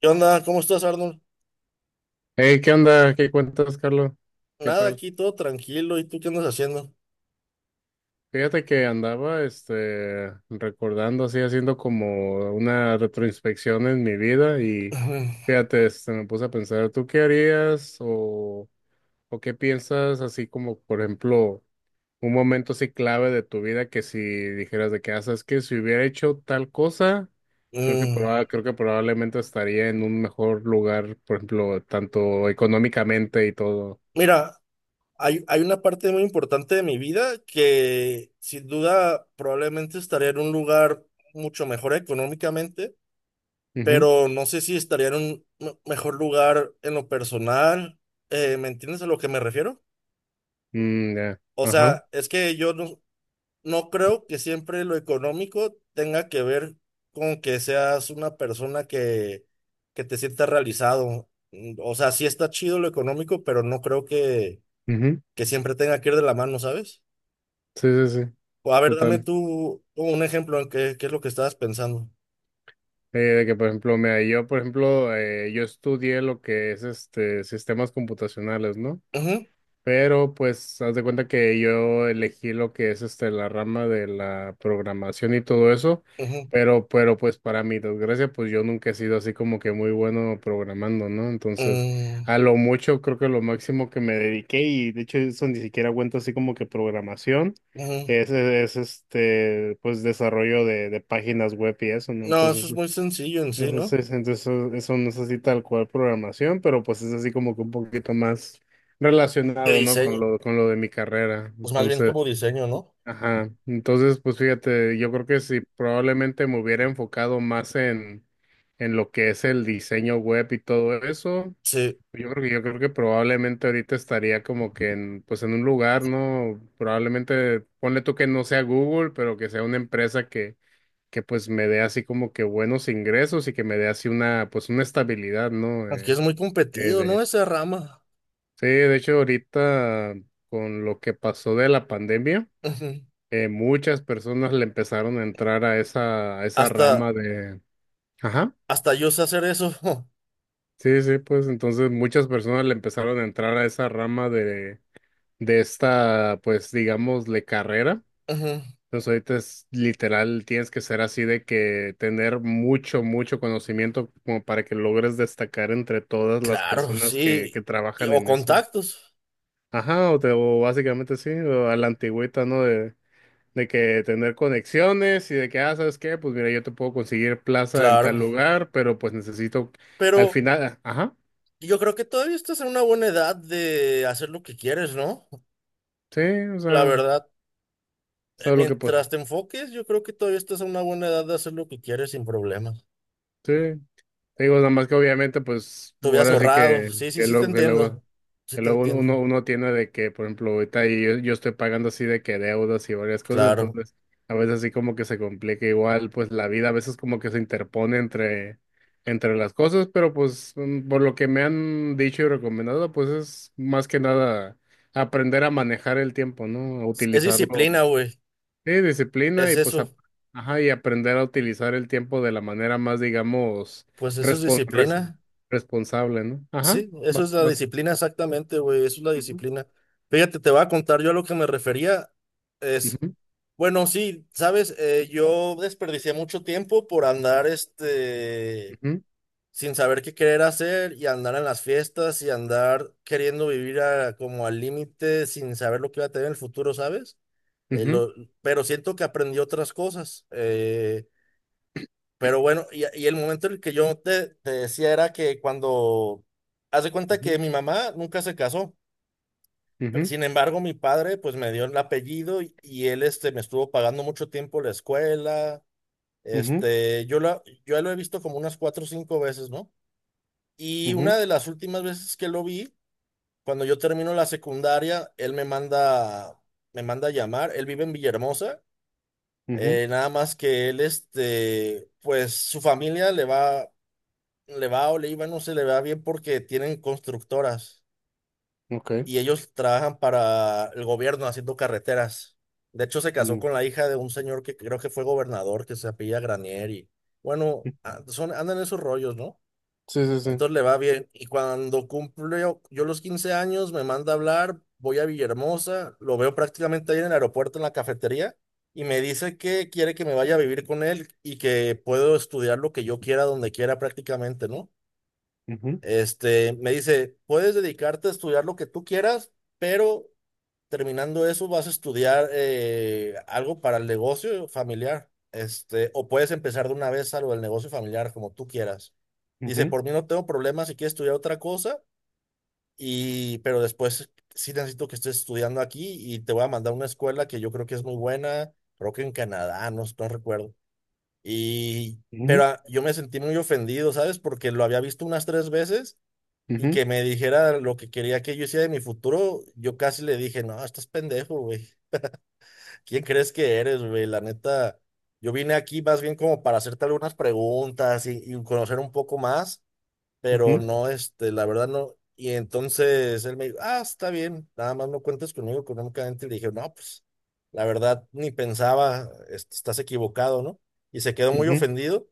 ¿Qué onda? ¿Cómo estás, Arnold? Hey, ¿qué onda? ¿Qué cuentas, Carlos? ¿Qué Nada, tal? aquí todo tranquilo. ¿Y tú qué andas haciendo? Fíjate que andaba, recordando así, haciendo como una retroinspección en mi vida y fíjate, me puse a pensar, ¿tú qué harías o qué piensas así como, por ejemplo, un momento así clave de tu vida que si dijeras de que haces que si hubiera hecho tal cosa, creo que Mm, creo que probablemente estaría en un mejor lugar, por ejemplo, tanto económicamente y todo. mira, hay una parte muy importante de mi vida que sin duda probablemente estaría en un lugar mucho mejor económicamente, pero no sé si estaría en un mejor lugar en lo personal. ¿Me entiendes a lo que me refiero? Mm, ya, O ajá. sea, es que yo no, no creo que siempre lo económico tenga que ver con que seas una persona que te sienta realizado. Mm, o sea, sí está chido lo económico, pero no creo Ujú. que siempre tenga que ir de la mano, ¿sabes? Sí, sí, sí. O a ver, dame Total. tú un ejemplo en qué es lo que estabas pensando. De que, por ejemplo, mira, yo, por ejemplo, yo estudié lo que es este sistemas computacionales, ¿no? Ujú, Pero pues haz de cuenta que yo elegí lo que es este la rama de la programación y todo eso, ujú, pero pues para mi desgracia pues yo nunca he sido así como que muy bueno programando, ¿no? Entonces, a mm, lo mucho creo que lo máximo que me dediqué y de hecho eso ni siquiera cuenta así como que programación ujú. Es este pues desarrollo de páginas web y eso, ¿no? No, eso es Entonces, muy sencillo en sí, ¿no? Entonces eso no es así tal cual programación, pero pues es así como que un poquito más De relacionado, ¿no? Con diseño, con lo de mi carrera. pues más bien Entonces, como diseño, ¿no? ajá. Entonces, pues fíjate, yo creo que si probablemente me hubiera enfocado más en lo que es el diseño web y todo eso, Sí, yo creo que probablemente ahorita estaría como que en, pues en un lugar, ¿no? Probablemente, ponle tú que no sea Google, pero que sea una empresa que pues me dé así como que buenos ingresos y que me dé así una, pues una estabilidad, ¿no? aunque es muy eh, competido, ¿no? de, Esa rama. sí, de hecho ahorita con lo que pasó de la pandemia, Ujú. Muchas personas le empezaron a entrar a a esa rama Hasta, de, ajá, Hasta yo sé hacer eso. sí, sí, pues entonces muchas personas le empezaron a entrar a esa rama de esta, pues digamos, de carrera. Ujú. Entonces ahorita es literal, tienes que ser así de que tener mucho, mucho conocimiento como para que logres destacar entre todas las Claro, personas sí. que Y- trabajan o en eso. contactos. Ajá, o básicamente sí, o a la antigüita, ¿no? De que tener conexiones y de que, ah, ¿sabes qué? Pues mira, yo te puedo conseguir plaza en tal Claro. lugar, pero pues necesito al Pero final, ajá, yo creo que todavía estás en una buena edad de hacer lo que quieres, ¿no? sí, o La sea, verdad, ¿sabes lo que pues? mientras te enfoques, yo creo que todavía estás en una buena edad de hacer lo que quieres sin problemas. Sí, te digo, nada más que obviamente pues Te hubieras ahora sí ahorrado. Sí, sí, que sí te luego, que entiendo. luego. Sí Que te luego uno, entiendo. uno tiene de que, por ejemplo, ahorita yo estoy pagando así de que deudas y varias cosas, Claro. entonces a veces así como que se complica igual, pues la vida a veces como que se interpone entre las cosas, pero pues por lo que me han dicho y recomendado, pues es más que nada aprender a manejar el tiempo, ¿no? A Es utilizarlo, disciplina, güey. sí, disciplina Es y pues, eso. ajá, y aprender a utilizar el tiempo de la manera más, digamos, Pues eso es respon- res- disciplina. responsable, ¿no? Ajá, Sí, eso va, es la vas. disciplina exactamente, güey, eso es la Ujú, disciplina. Fíjate, te voy a contar, yo a lo que me refería es, ujú. bueno, sí, sabes, yo desperdicié mucho tiempo por andar, Ujú, sin saber qué querer hacer y andar en las fiestas y andar queriendo vivir como al límite sin saber lo que iba a tener en el futuro, ¿sabes? Eh, ujú, lo- pero siento que aprendí otras cosas. Pero bueno, y el momento en el que te decía era que cuando hace cuenta que ujú, mi mamá nunca se casó. Ujú, Sin embargo, mi padre pues me dio el apellido y él me estuvo pagando mucho tiempo la escuela. ujú, Yo lo he visto como unas 4 o 5 veces, ¿no? Y una ujú, de las últimas veces que lo vi, cuando yo termino la secundaria, él me manda a llamar. Él vive en Villahermosa. ujú, Nada más que él, pues su familia le va. Le va o le iba, no, se le va bien porque tienen constructoras ok. y ellos trabajan para el gobierno haciendo carreteras. De hecho, se casó Mm, con la hija de un señor que creo que fue gobernador, que se apellida Granier y bueno, son, andan en esos rollos, ¿no? sí, sí, sí. Entonces le va bien. Y cuando cumple yo los 15 años, me manda a hablar, voy a Villahermosa, lo veo prácticamente ahí en el aeropuerto, en la cafetería, y me dice que quiere que me vaya a vivir con él y que puedo estudiar lo que yo quiera, donde quiera prácticamente, ¿no? Ujú, Me dice, puedes dedicarte a estudiar lo que tú quieras, pero terminando eso vas a estudiar algo para el negocio familiar. O puedes empezar de una vez algo del negocio familiar, como tú quieras. Dice, ujú, por mí no tengo problema si quieres estudiar otra cosa, pero después sí necesito que estés estudiando aquí y te voy a mandar a una escuela que yo creo que es muy buena, creo que en Canadá, no recuerdo. Y, pero ujú, ah, yo me sentí muy ofendido, ¿sabes? Porque lo había visto unas 3 veces y ujú, que me dijera lo que quería que yo hiciera de mi futuro, yo casi le dije, no, estás pendejo, güey. ¿Quién crees que eres, güey? La neta, yo vine aquí más bien como para hacerte algunas preguntas y conocer un poco más, pero ujú, no, la verdad no. Y entonces él me dijo, ah, está bien, nada más no cuentes conmigo económicamente. Y le dije, no, pues, la verdad ni pensaba, estás equivocado, ¿no? Y se quedó muy ujú. ofendido,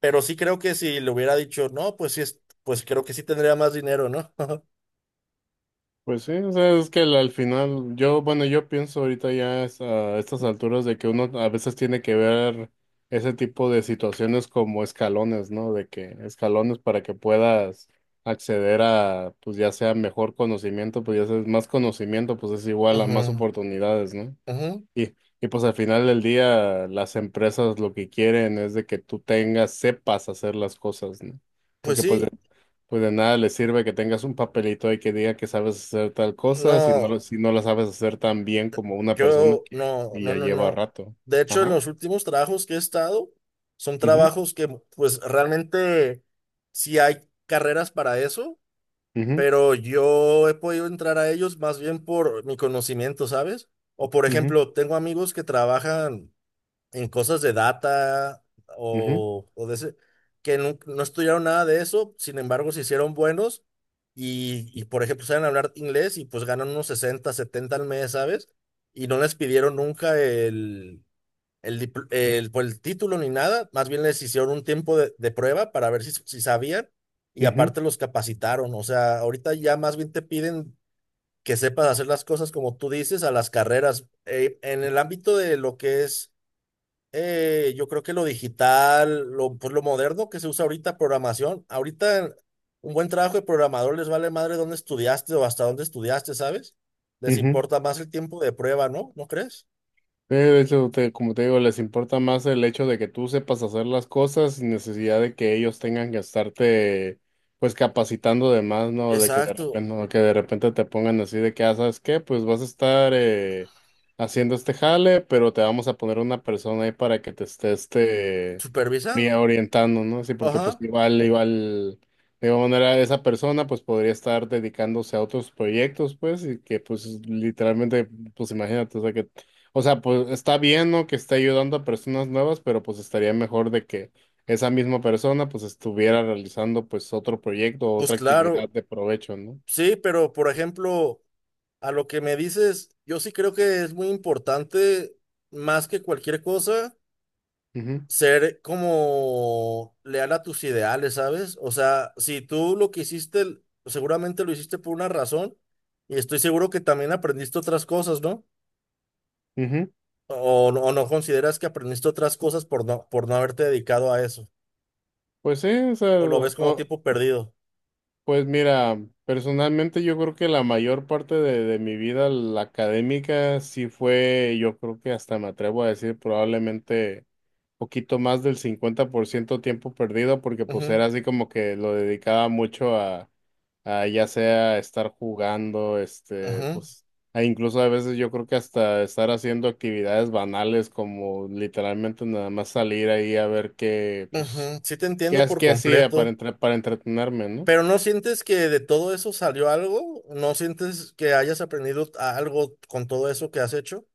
pero sí creo que si le hubiera dicho, no, pues sí, pues creo que sí tendría más dinero, ¿no? Pues sí, o sea, es que al final, yo, bueno, yo pienso ahorita ya es a estas alturas de que uno a veces tiene que ver ese tipo de situaciones como escalones, ¿no? De que escalones para que puedas acceder a, pues ya sea mejor conocimiento, pues ya sea más conocimiento, pues es igual a más Ajá, oportunidades, ¿no? ajá. Y, y pues al final del día las empresas lo que quieren es de que tú tengas, sepas hacer las cosas, ¿no? Pues Porque sí, pues de nada les sirve que tengas un papelito ahí que diga que sabes hacer tal cosa si no, no, si no la sabes hacer tan bien como una persona yo no, que no, ya no, lleva no. rato. De hecho, en Ajá. los últimos trabajos que he estado, son Ujú, trabajos pues realmente sí hay carreras para eso, ujú, pero yo he podido entrar a ellos más bien por mi conocimiento, ¿sabes? O por ujú, ejemplo, tengo amigos que trabajan en cosas de data ujú, o de ese, que estudiaron nada de eso, sin embargo se hicieron buenos por ejemplo saben hablar inglés y pues ganan unos 60 70 al mes, ¿sabes? Y no les pidieron nunca el, pues, el título ni nada, más bien les hicieron un tiempo de prueba para ver si, si sabían y ujú, aparte los capacitaron, o sea, ahorita ya más bien te piden... que sepas hacer las cosas como tú dices a las carreras. En el ámbito de lo que es yo creo que lo digital, pues lo moderno que se usa ahorita, programación, ahorita un buen trabajo de programador les vale madre dónde estudiaste o hasta dónde estudiaste, ¿sabes? Les ujú. importa más el tiempo de prueba, ¿no? ¿No crees? Como te digo, les importa más el hecho de que tú sepas hacer las cosas sin necesidad de que ellos tengan que estarte, pues, capacitando de más, ¿no? De que de repente, Exacto, no, que de repente te pongan así de que, ah, ¿sabes qué? Pues vas a estar haciendo este jale, pero te vamos a poner una persona ahí para que te esté, supervisando. orientando, ¿no? Sí, porque pues Ajá, igual, igual, de igual manera, esa persona, pues, podría estar dedicándose a otros proyectos, pues, y que, pues, literalmente, pues, imagínate, o sea, pues está bien, ¿no? Que esté ayudando a personas nuevas, pero pues estaría mejor de que esa misma persona pues estuviera realizando pues otro proyecto o pues otra actividad claro, de provecho, ¿no? sí, pero por ejemplo, a lo que me dices, yo sí creo que es muy importante, más que cualquier cosa. Ujú, Ser como leal a tus ideales, ¿sabes? O sea, si tú lo que hiciste, seguramente lo hiciste por una razón y estoy seguro que también aprendiste otras cosas, ¿no? ujú. O no consideras que aprendiste otras cosas por por no haberte dedicado a eso, Pues sí, o sea, o lo ves como o- tiempo perdido. Pues mira, personalmente yo creo que la mayor parte de mi vida, la académica, sí fue, yo creo que hasta me atrevo a decir probablemente poquito más del 50% tiempo perdido, porque pues Ujú, era así como que lo dedicaba mucho a ya sea estar jugando, ujú, pues, e incluso a veces yo creo que hasta estar haciendo actividades banales como literalmente nada más salir ahí a ver qué, pues, ujú. Sí te entiendo por qué hacía completo, para entretenerme, ¿no? pero ¿no sientes que de todo eso salió algo? ¿No sientes que hayas aprendido algo con todo eso que has hecho?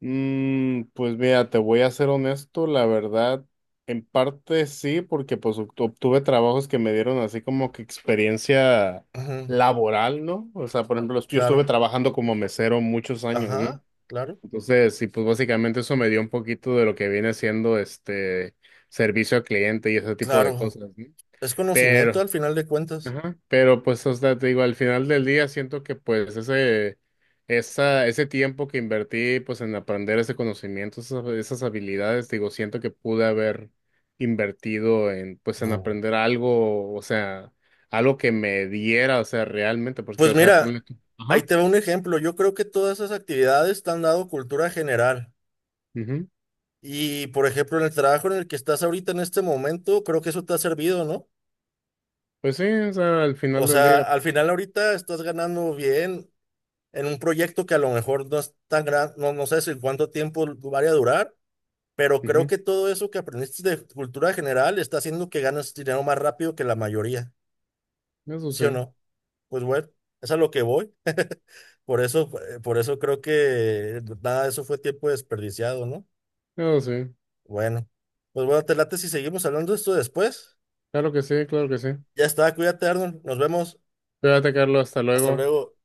Mm, pues mira, te voy a ser honesto, la verdad, en parte sí, porque pues obtuve trabajos que me dieron así como que experiencia Ujú, laboral, ¿no? O sea, por ejemplo, yo estuve claro, trabajando como mesero muchos años, ¿no? ajá, claro. Entonces, sí, pues básicamente eso me dio un poquito de lo que viene siendo este servicio al cliente y ese tipo de Claro, cosas, ¿no? es conocimiento Pero, al final de cuentas. ajá, pero pues, o sea, te digo, al final del día siento que pues ese tiempo que invertí pues en aprender ese conocimiento, esas habilidades, digo, siento que pude haber invertido en pues en Mm. aprender algo, o sea, algo que me diera, o sea, realmente, porque, Pues o sea, ponle mira, tú- ahí Ajá. te va un ejemplo. Yo creo que todas esas actividades te han dado cultura general. Ujú, Y por ejemplo, en el trabajo en el que estás ahorita en este momento, creo que eso te ha servido, ¿no? pues sí, o sea, al final O del sea, día, al final ahorita estás ganando bien en un proyecto que a lo mejor no es tan grande, no sé si cuánto tiempo vaya a durar, pero creo ujú, que todo eso que aprendiste de cultura general está haciendo que ganes dinero más rápido que la mayoría, eso ¿sí o sí, no? Pues bueno, es a lo que voy. Por eso creo que nada de eso fue tiempo desperdiciado, ¿no? eso sí, Bueno, pues bueno, te late si seguimos hablando de esto después. claro que sí, claro que sí. Ya está, cuídate, Arnold. Nos vemos. Cuídate, Carlos, hasta Hasta luego. luego.